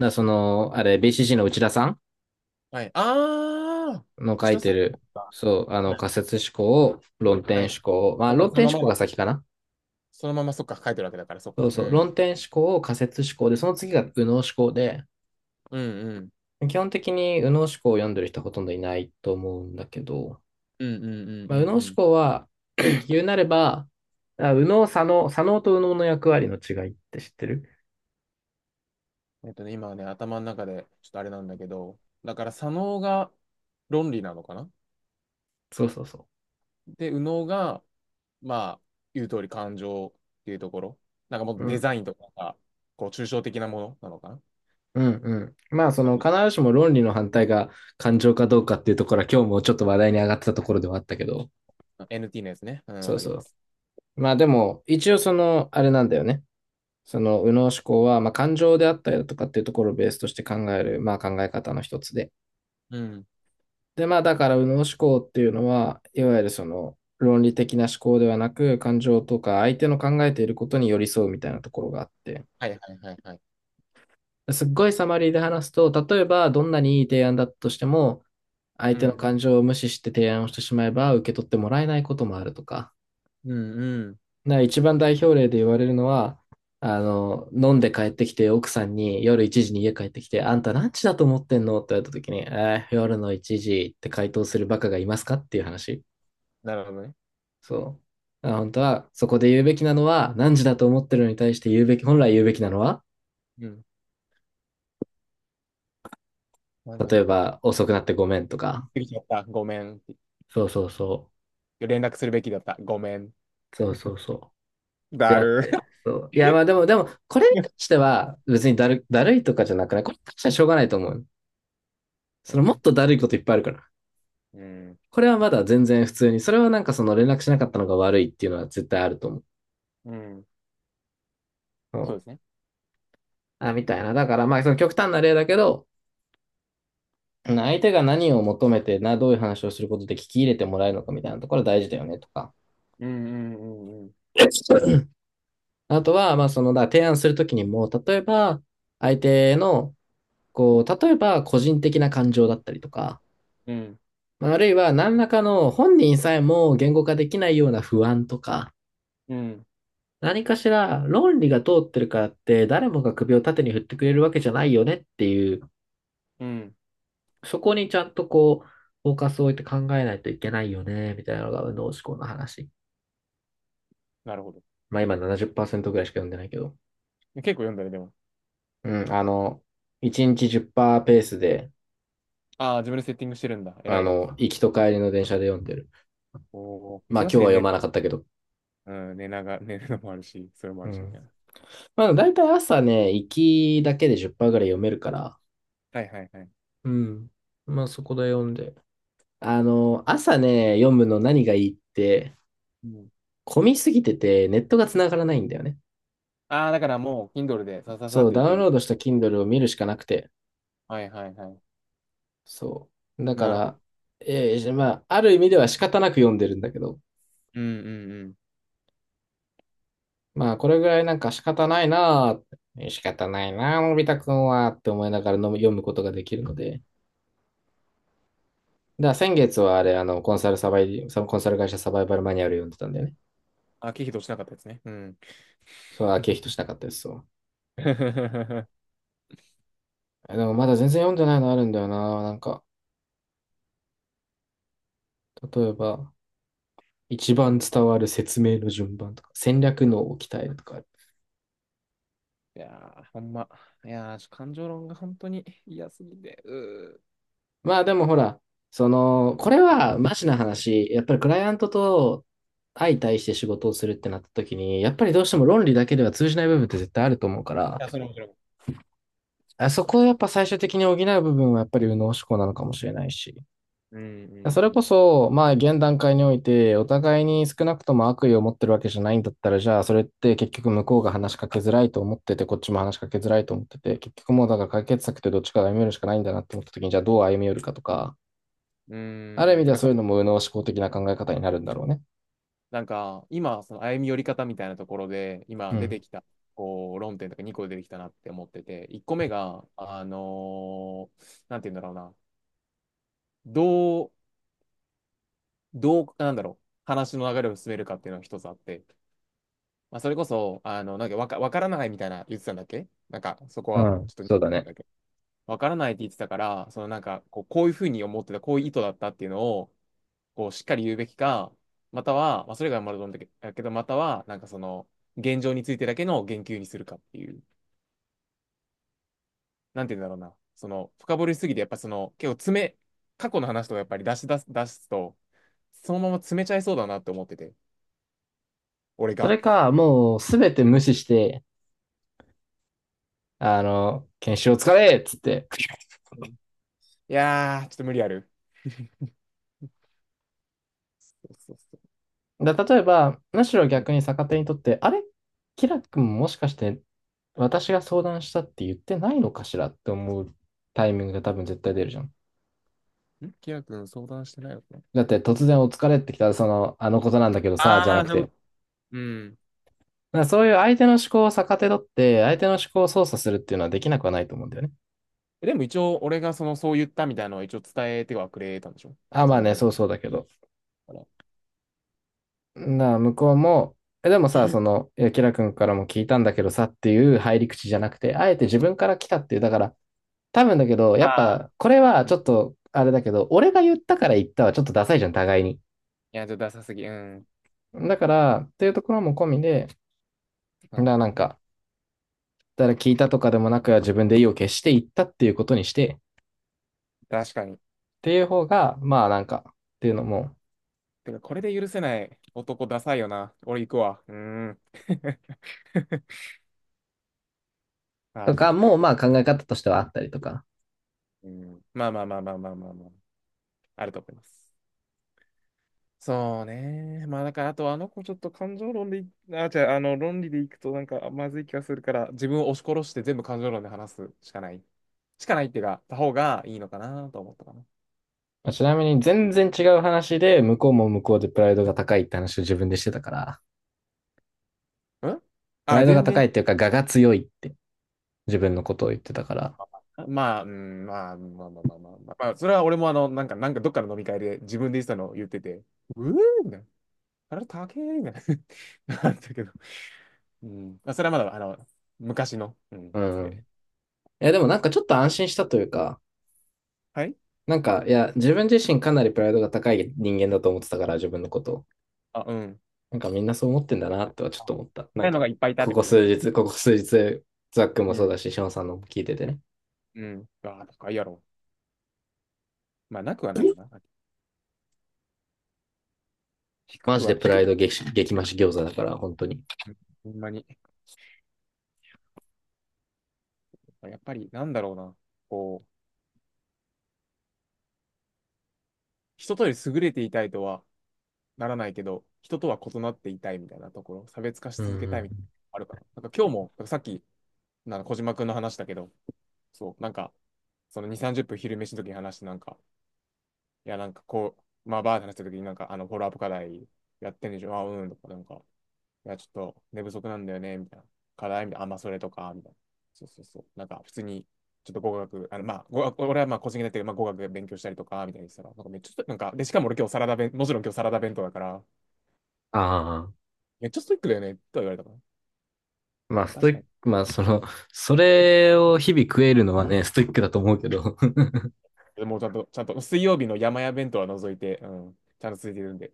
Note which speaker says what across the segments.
Speaker 1: だその、あれ、BCG の内田さん
Speaker 2: はい。ああ、
Speaker 1: の書
Speaker 2: 石
Speaker 1: い
Speaker 2: 田
Speaker 1: て
Speaker 2: さんそ
Speaker 1: る、
Speaker 2: っか。は
Speaker 1: 仮
Speaker 2: い。
Speaker 1: 説思考、を論
Speaker 2: は
Speaker 1: 点
Speaker 2: い。
Speaker 1: 思考を、
Speaker 2: そっか、
Speaker 1: 論
Speaker 2: そ
Speaker 1: 点
Speaker 2: のま
Speaker 1: 思
Speaker 2: ま
Speaker 1: 考
Speaker 2: だ、
Speaker 1: が先かな。
Speaker 2: そのままそっか、書いてるわけだから、そっ
Speaker 1: そう
Speaker 2: か。う
Speaker 1: そう、
Speaker 2: ん。
Speaker 1: 論点思考、を仮説思考で、その次が右脳思考で、
Speaker 2: うんうん。
Speaker 1: 基本的に右脳思考を読んでる人はほとんどいないと思うんだけど、
Speaker 2: うんうんう
Speaker 1: まあ、右脳
Speaker 2: んう
Speaker 1: 思
Speaker 2: んう
Speaker 1: 考は 言うなれば、右脳、左脳と右脳の役割の違いって知ってる。
Speaker 2: ん。今はね、頭の中で、ちょっとあれなんだけど、だから、左脳が論理なのかな。
Speaker 1: そうそうそ
Speaker 2: で、右脳が、まあ、言う通り感情っていうところ。なんかも
Speaker 1: う。
Speaker 2: う
Speaker 1: う
Speaker 2: デ
Speaker 1: ん、
Speaker 2: ザインとかなんかこう、抽象的なものなのかな。
Speaker 1: うん、うん。まあ、そ
Speaker 2: だ
Speaker 1: の、
Speaker 2: って
Speaker 1: 必ずしも論理の反対が感情かどうかっていうところは、今日もちょっと話題に上がってたところではあったけど、
Speaker 2: NT のやつね。うん、
Speaker 1: そ
Speaker 2: わ
Speaker 1: う
Speaker 2: かり
Speaker 1: そ
Speaker 2: ます。
Speaker 1: う。まあでも、一応その、あれなんだよね。その、右脳思考は、まあ感情であったりだとかっていうところをベースとして考える、まあ考え方の一つで。
Speaker 2: うん。
Speaker 1: で、まあだから、右脳思考っていうのは、いわゆるその、論理的な思考ではなく、感情とか相手の考えていることに寄り添うみたいなところがあって。
Speaker 2: はいはいはいはい。
Speaker 1: すっごいサマリーで話すと、例えば、どんなにいい提案だったとしても、相
Speaker 2: う
Speaker 1: 手の
Speaker 2: ん。
Speaker 1: 感情を無視して提案をしてしまえば、受け取ってもらえないこともあるとか。
Speaker 2: うんうん。
Speaker 1: な一番代表例で言われるのは、あの、飲んで帰ってきて、奥さんに夜1時に家帰ってきて、あんた何時だと思ってんのって言われた時に、夜の1時って回答するバカがいますかっていう話。
Speaker 2: なるほどね。
Speaker 1: そう。あ本当は、そこで言うべきなのは、何時だと思ってるのに対して言うべき、本来言うべきなのは、
Speaker 2: うん。まずは
Speaker 1: 例え
Speaker 2: ね、
Speaker 1: ば、遅くなってごめんと
Speaker 2: 飲
Speaker 1: か。
Speaker 2: み過ぎちゃった。ごめん。
Speaker 1: そうそうそ
Speaker 2: 連絡するべきだった。ごめん。
Speaker 1: う。そうそうそう。で
Speaker 2: だ
Speaker 1: あっ
Speaker 2: る。
Speaker 1: て。そう。いや、まあでも、これに関しては、別にだる、だるいとかじゃなくないこれに関してはしょうがないと思う。そ
Speaker 2: そ
Speaker 1: の、
Speaker 2: う
Speaker 1: もっ
Speaker 2: ね。
Speaker 1: とだるいこといっぱいあるから。
Speaker 2: うん。
Speaker 1: これはまだ全然普通に、それはなんかその連絡しなかったのが悪いっていうのは絶対あると思う。
Speaker 2: うん。
Speaker 1: う
Speaker 2: そう
Speaker 1: ん、
Speaker 2: ですね。
Speaker 1: あ、みたいな。だからまあその極端な例だけど、相手が何を求めてな、どういう話をすることで聞き入れてもらえるのかみたいなところ大事だよねとか。
Speaker 2: うんうんうんうん。
Speaker 1: あとは、まあその、だから提案するときにも、例えば、相手の、こう、例えば個人的な感情だったりとか、まああるいは何らかの本人さえも言語化できないような不安とか、
Speaker 2: うん。うん。
Speaker 1: 何かしら論理が通ってるからって誰もが首を縦に振ってくれるわけじゃないよねっていう、
Speaker 2: うん。
Speaker 1: そこにちゃんとこう、フォーカスを置いて考えないといけないよね、みたいなのが右脳思考の話。
Speaker 2: なるほど。
Speaker 1: まあ今70%ぐらいしか読んでないけど。
Speaker 2: 結構読んだね、でも。
Speaker 1: うん、あの、1日10%ペースで、
Speaker 2: ああ、自分でセッティングしてるんだ。
Speaker 1: あ
Speaker 2: 偉いの。
Speaker 1: の、行きと帰りの電車で読んでる。
Speaker 2: おお、
Speaker 1: まあ
Speaker 2: 忙
Speaker 1: 今日
Speaker 2: しい
Speaker 1: は
Speaker 2: ね、
Speaker 1: 読
Speaker 2: 寝る。
Speaker 1: まなかったけど。
Speaker 2: うん、寝なが 寝るのもあるし、それもあ
Speaker 1: う
Speaker 2: るし、みた
Speaker 1: ん。
Speaker 2: いな。
Speaker 1: まあ大体朝ね、行きだけで10%ぐらい読めるから。
Speaker 2: はいはいはい。
Speaker 1: うん。まあそこで読んで。あの、朝ね、読むの何がいいって、
Speaker 2: うん、
Speaker 1: 混みすぎてて、ネットが繋がらないんだよね。
Speaker 2: ああ、だからもう、Kindle でさささっ
Speaker 1: そう、
Speaker 2: とい
Speaker 1: ダ
Speaker 2: け
Speaker 1: ウン
Speaker 2: る。
Speaker 1: ロードした Kindle を見るしかなくて。
Speaker 2: はいはいはい。
Speaker 1: そう。だか
Speaker 2: なるほ
Speaker 1: ら、
Speaker 2: ど。
Speaker 1: まあ、ある意味では仕方なく読んでるんだけど、
Speaker 2: うんうんうん。
Speaker 1: まあ、これぐらいなんか仕方ないなあって仕方ないなあのび太くんは、って思いながらの読むことができるので。だから先月はあれ、あの、コンサルサバイ、そのコンサル会社サバイバルマニュアル読んでたんだよね。
Speaker 2: あ、経費としなかったですね。うん。
Speaker 1: そう、あ、経費としなかったです、そう。えでもまだ全然読んでないのあるんだよな。なんか、例えば、一番
Speaker 2: 感じか
Speaker 1: 伝
Speaker 2: な。
Speaker 1: わる説明の順番とか、戦略のを鍛えるとかある。
Speaker 2: いやー、ほんま。いやー、ちょ感情論が本当に嫌すぎて。うーい
Speaker 1: まあでもほら、その、これはマジな話、やっぱりクライアントと相対して仕事をするってなった時に、やっぱりどうしても論理だけでは通じない部分って絶対あると思うから、
Speaker 2: や、それもそれも。
Speaker 1: あそこをやっぱ最終的に補う部分はやっぱり右脳思考なのかもしれないし。
Speaker 2: う
Speaker 1: それこ
Speaker 2: ん
Speaker 1: そ、まあ、現段階において、お互いに少なくとも悪意を持ってるわけじゃないんだったら、じゃあ、それって結局向こうが話しかけづらいと思ってて、こっちも話しかけづらいと思ってて、結局もうだから解決策ってどっちかが歩み寄るしかないんだなって思った時に、じゃあどう歩み寄るかとか、
Speaker 2: うんう
Speaker 1: ある意
Speaker 2: ん。うー
Speaker 1: 味
Speaker 2: ん。
Speaker 1: で
Speaker 2: て
Speaker 1: は
Speaker 2: か、
Speaker 1: そうい
Speaker 2: そ、
Speaker 1: うのも右脳思考的な考え方になるんだろうね。
Speaker 2: なんか、今、その歩み寄り方みたいなところで、
Speaker 1: う
Speaker 2: 今出
Speaker 1: ん。
Speaker 2: てきた、こう、論点とか2個出てきたなって思ってて、1個目が、なんて言うんだろうな、どう、どう、なんだろう、話の流れを進めるかっていうのが一つあって、まあ、それこそ、あの、なんかわか、わからないみたいな言ってたんだっけ。なんか、そこ
Speaker 1: う
Speaker 2: は、
Speaker 1: ん、
Speaker 2: ちょっと、
Speaker 1: そうだね。
Speaker 2: わからないって言ってたから、そのなんか、こう、こういうふうに思ってた、こういう意図だったっていうのを、こう、しっかり言うべきか、または、まあ、それがまると思うんだけだけど、または、なんかその、現状についてだけの言及にするかっていう、なんて言うんだろうな、その、深掘りしすぎて、やっぱその、結構詰め、過去の話とかやっぱり出すと、そのまま詰めちゃいそうだなって思ってて、俺
Speaker 1: そ
Speaker 2: が。
Speaker 1: れか、もうすべて
Speaker 2: う
Speaker 1: 無
Speaker 2: ん
Speaker 1: 視して、あの、研修を疲れっつって。
Speaker 2: うん。いやー、ちょっと無理ある。そうそうそ
Speaker 1: だ例えば、むしろ
Speaker 2: う。
Speaker 1: 逆に逆手にとって、あれキラ君もしかして私が相談したって言ってないのかしらって思うタイミングが多分絶対出るじゃん。
Speaker 2: うん。ん、キラ君相談してないのかな。
Speaker 1: だって突然お疲れってきたら、その、あのことなんだけどさ、じゃ
Speaker 2: あ
Speaker 1: な
Speaker 2: あ、
Speaker 1: く
Speaker 2: そう
Speaker 1: て。
Speaker 2: い
Speaker 1: だ
Speaker 2: うこと。うん。
Speaker 1: からそういう相手の思考を逆手取って、相手の思考を操作するっていうのはできなくはないと思うんだよね。
Speaker 2: でも一応、俺がその、そう言ったみたいなのを一応伝えてはくれたんでしょ。
Speaker 1: あ、ま
Speaker 2: そ
Speaker 1: あ
Speaker 2: の、
Speaker 1: ね、
Speaker 2: なんだ
Speaker 1: そうそうだけど。
Speaker 2: から。
Speaker 1: だから向こうも、え、でもさ、その、いや、キラ君からも聞いたんだけどさっていう入り口じゃなくて、あえて自分から来たっていう、だから、多分だけど、
Speaker 2: あ
Speaker 1: やっ
Speaker 2: あ、
Speaker 1: ぱ、これは
Speaker 2: うん。
Speaker 1: ち
Speaker 2: い
Speaker 1: ょっと、あれだけど、俺が言ったから言ったはちょっとダサいじゃん、互いに。
Speaker 2: や、ちょっとダサすぎ。うん。
Speaker 1: だから、っていうところも込みで、
Speaker 2: そ
Speaker 1: だか
Speaker 2: う
Speaker 1: らなん
Speaker 2: ね。
Speaker 1: か、誰聞いたとかでもなく、自分で意を決して言ったっていうことにして、っ
Speaker 2: 確かに。
Speaker 1: ていう方が、まあなんか、っていうのも、
Speaker 2: てか、これで許せない男ダサいよな。俺行くわ。うーん。あ
Speaker 1: と
Speaker 2: あ、だ
Speaker 1: か
Speaker 2: る。
Speaker 1: もまあ考え方としてはあったりとか。
Speaker 2: うん。まあまあまあまあまあまあまあ。あると思います。そうね。まあだから、あとあの子ちょっと感情論でい、あ、じゃあ、あの、論理でいくとなんかまずい気がするから、自分を押し殺して全部感情論で話すしかない。しかないっていうか、た方がいいのかなと思ったかな。
Speaker 1: ちなみに全然違う話で、向こうも向こうでプライドが高いって話を自分でしてたから、
Speaker 2: ん、
Speaker 1: プラ
Speaker 2: あ、
Speaker 1: イドが
Speaker 2: 全
Speaker 1: 高
Speaker 2: 然、
Speaker 1: いっていうか、我が強いって自分のことを言ってたから。
Speaker 2: まあ、うん、まあ、まあまあまあまあ、まあ、まあそれは俺もあの、なんか、なんかどっかの飲み会で自分で言ってたのを言ってて、うーんみたいな、あれ高えみたいな、あったけど、うん。まあ、それはまだ、あの、昔の、うん、
Speaker 1: う
Speaker 2: やつ
Speaker 1: ん。
Speaker 2: で。
Speaker 1: いや、でもなんかちょっと安心したというか、
Speaker 2: はい。
Speaker 1: なんか、いや、自分自身かなりプライドが高い人間だと思ってたから、自分のことを。
Speaker 2: あ、うん。
Speaker 1: なんかみんなそう思ってんだなとはちょっ
Speaker 2: あ、
Speaker 1: と思った。な
Speaker 2: 高
Speaker 1: ん
Speaker 2: いの
Speaker 1: か、
Speaker 2: がいっぱいいたってこと？
Speaker 1: ここ数日、ザックも
Speaker 2: う
Speaker 1: そう
Speaker 2: ん、
Speaker 1: だし、ションさんのも聞いててね。
Speaker 2: うん。あ、高いやろ。まあ、なくはないよな。低
Speaker 1: マ
Speaker 2: く
Speaker 1: ジで
Speaker 2: は、
Speaker 1: プ
Speaker 2: 低
Speaker 1: ラ
Speaker 2: く
Speaker 1: イド
Speaker 2: は、
Speaker 1: 激激増し餃子だから、本当に。
Speaker 2: うん、ほんまに。やっぱり、なんだろうな。こう、人とより優れていたいとはならないけど、人とは異なっていたいみたいなところ、差別化し
Speaker 1: うん
Speaker 2: 続け
Speaker 1: う
Speaker 2: たいみたいな
Speaker 1: ん。
Speaker 2: のあるかな。なんか今日も、なんかさっき、なんか小島くんの話だけど、そう、なんか、その2、30分昼飯の時に話して、なんか、いや、なんかこう、まあ、バーって話した時に、なんか、あの、フォローアップ課題やってんでしょ、あ、うん、とか、なんか、いや、ちょっと寝不足なんだよね、みたいな。課題みたいな、あ、まあ、それとか、みたいな。そうそうそう。なんか、普通に、ちょっと語学、あの、まあ、語学、俺はまあ、個人的だけど、まあ、語学勉強したりとか、みたいにしたら、なんかめっちゃ、なんか、で、しかも俺今日サラダ弁、もちろん今日サラダ弁当だから、
Speaker 1: あ
Speaker 2: なんか、
Speaker 1: あ、
Speaker 2: めっちゃストイックだよね、とは言われたか
Speaker 1: まあ、
Speaker 2: な。
Speaker 1: ストイ
Speaker 2: 確か
Speaker 1: ッ
Speaker 2: に。
Speaker 1: ク、まあ、その、それを日々食えるのはね、ストイックだと思うけど。
Speaker 2: でもちゃんと、ちゃんと、水曜日の山屋弁当は除いて、うん、ちゃんと続いてるんで、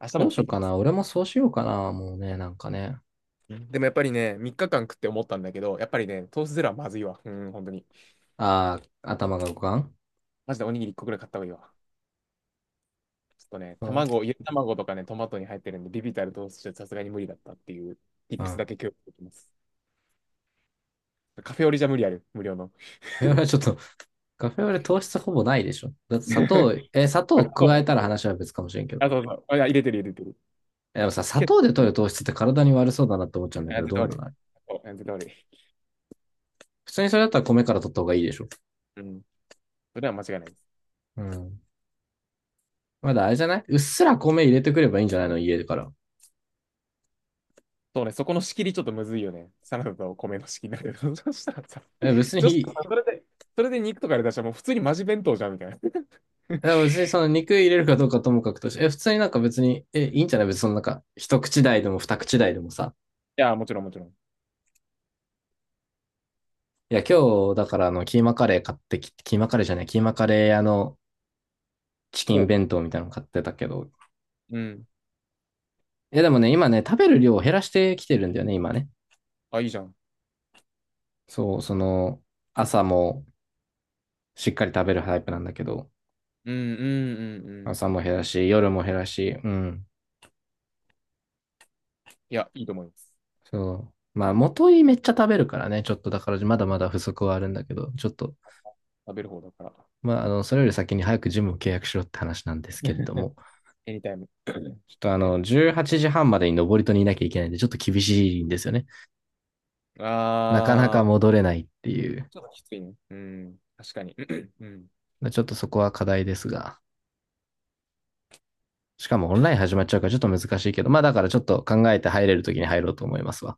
Speaker 2: 明日も
Speaker 1: どう
Speaker 2: 持っ
Speaker 1: し
Speaker 2: て
Speaker 1: よう
Speaker 2: いき
Speaker 1: か
Speaker 2: ま
Speaker 1: な。
Speaker 2: す。
Speaker 1: 俺もそうしようかな。もうね、なんかね。
Speaker 2: でもやっぱりね、3日間食って思ったんだけど、やっぱりね、トースゼロはまずいわ。うん、本当に。
Speaker 1: ああ、頭が五感、
Speaker 2: マジでおにぎり1個くらい買った方がいいわ。ちょっとね、
Speaker 1: うん。
Speaker 2: 卵、ゆで卵とかね、トマトに入ってるんで、ビビたる糖質じゃさすがに無理だったっていう、
Speaker 1: う
Speaker 2: tips
Speaker 1: ん。
Speaker 2: だけ共有できます。カフェオレじゃ無理ある、無料の。
Speaker 1: カフェオレ ちょっと、カフェオレ糖質ほぼないでしょ。だって砂糖、え、砂
Speaker 2: あ、
Speaker 1: 糖加え
Speaker 2: そ
Speaker 1: たら
Speaker 2: う。
Speaker 1: 話は別かもしれんけど。
Speaker 2: あ、そうそう。あ、入れてる入れてる。
Speaker 1: やっぱさ、砂
Speaker 2: けど、
Speaker 1: 糖で取る糖質って体に悪そうだなって思っちゃうんだけ
Speaker 2: あ、
Speaker 1: ど、
Speaker 2: 絶
Speaker 1: ど
Speaker 2: 対
Speaker 1: う
Speaker 2: 悪
Speaker 1: な
Speaker 2: い。
Speaker 1: の。
Speaker 2: そう、あ絶対悪い。
Speaker 1: 普通にそれだったら米から取った方がいいでしょ。
Speaker 2: うん。それは間違いないです。
Speaker 1: うん。まだあれじゃないうっすら米入れてくればいいんじゃないの家から。
Speaker 2: そうね、そこの仕切りちょっとむずいよね。サラダと米の仕切りだけど。そしたらさ、
Speaker 1: え、別
Speaker 2: そした
Speaker 1: に、
Speaker 2: らさそれで、それで肉とかで出したらもう普通にマジ弁当じゃんみたいな。い
Speaker 1: え別にその肉入れるかどうかともかくとして、え、普通になんか別に、え、いいんじゃない別にそのなんか、一口大でも二口大でもさ。
Speaker 2: や、もちろんもちろん。
Speaker 1: いや、今日、だからあの、キーマカレー買ってき、キーマカレーじゃない、キーマカレー屋のチキ
Speaker 2: ほ
Speaker 1: ン
Speaker 2: う。
Speaker 1: 弁当みたいなの買ってたけど。
Speaker 2: うん。
Speaker 1: いや、でもね、今ね、食べる量を減らしてきてるんだよね、今ね。
Speaker 2: あ、いいじゃん。
Speaker 1: そう、その、朝も、しっかり食べるタイプなんだけど、
Speaker 2: うんうんうんうん。
Speaker 1: 朝も減らし、夜も減らし、うん。
Speaker 2: いや、いいと思います。
Speaker 1: そう。まあ、元いめっちゃ食べるからね、ちょっとだからまだまだ不足はあるんだけど、ちょっと、
Speaker 2: 食べる方だから。
Speaker 1: まあ、あの、それより先に早くジムを契約しろって話なんですけれども、
Speaker 2: エニタイム。
Speaker 1: ちょっと あ
Speaker 2: ね。
Speaker 1: の、18時半までに登戸にいなきゃいけないんで、ちょっと厳しいんですよね。なかなか
Speaker 2: あ
Speaker 1: 戻れないって
Speaker 2: ー、
Speaker 1: いう、
Speaker 2: ちょっときついね。うん。確かに。うん。
Speaker 1: ちょっとそこは課題ですが、しかもオンライン始まっちゃうからちょっと難しいけど、まあだからちょっと考えて入れるときに入ろうと思いますわ。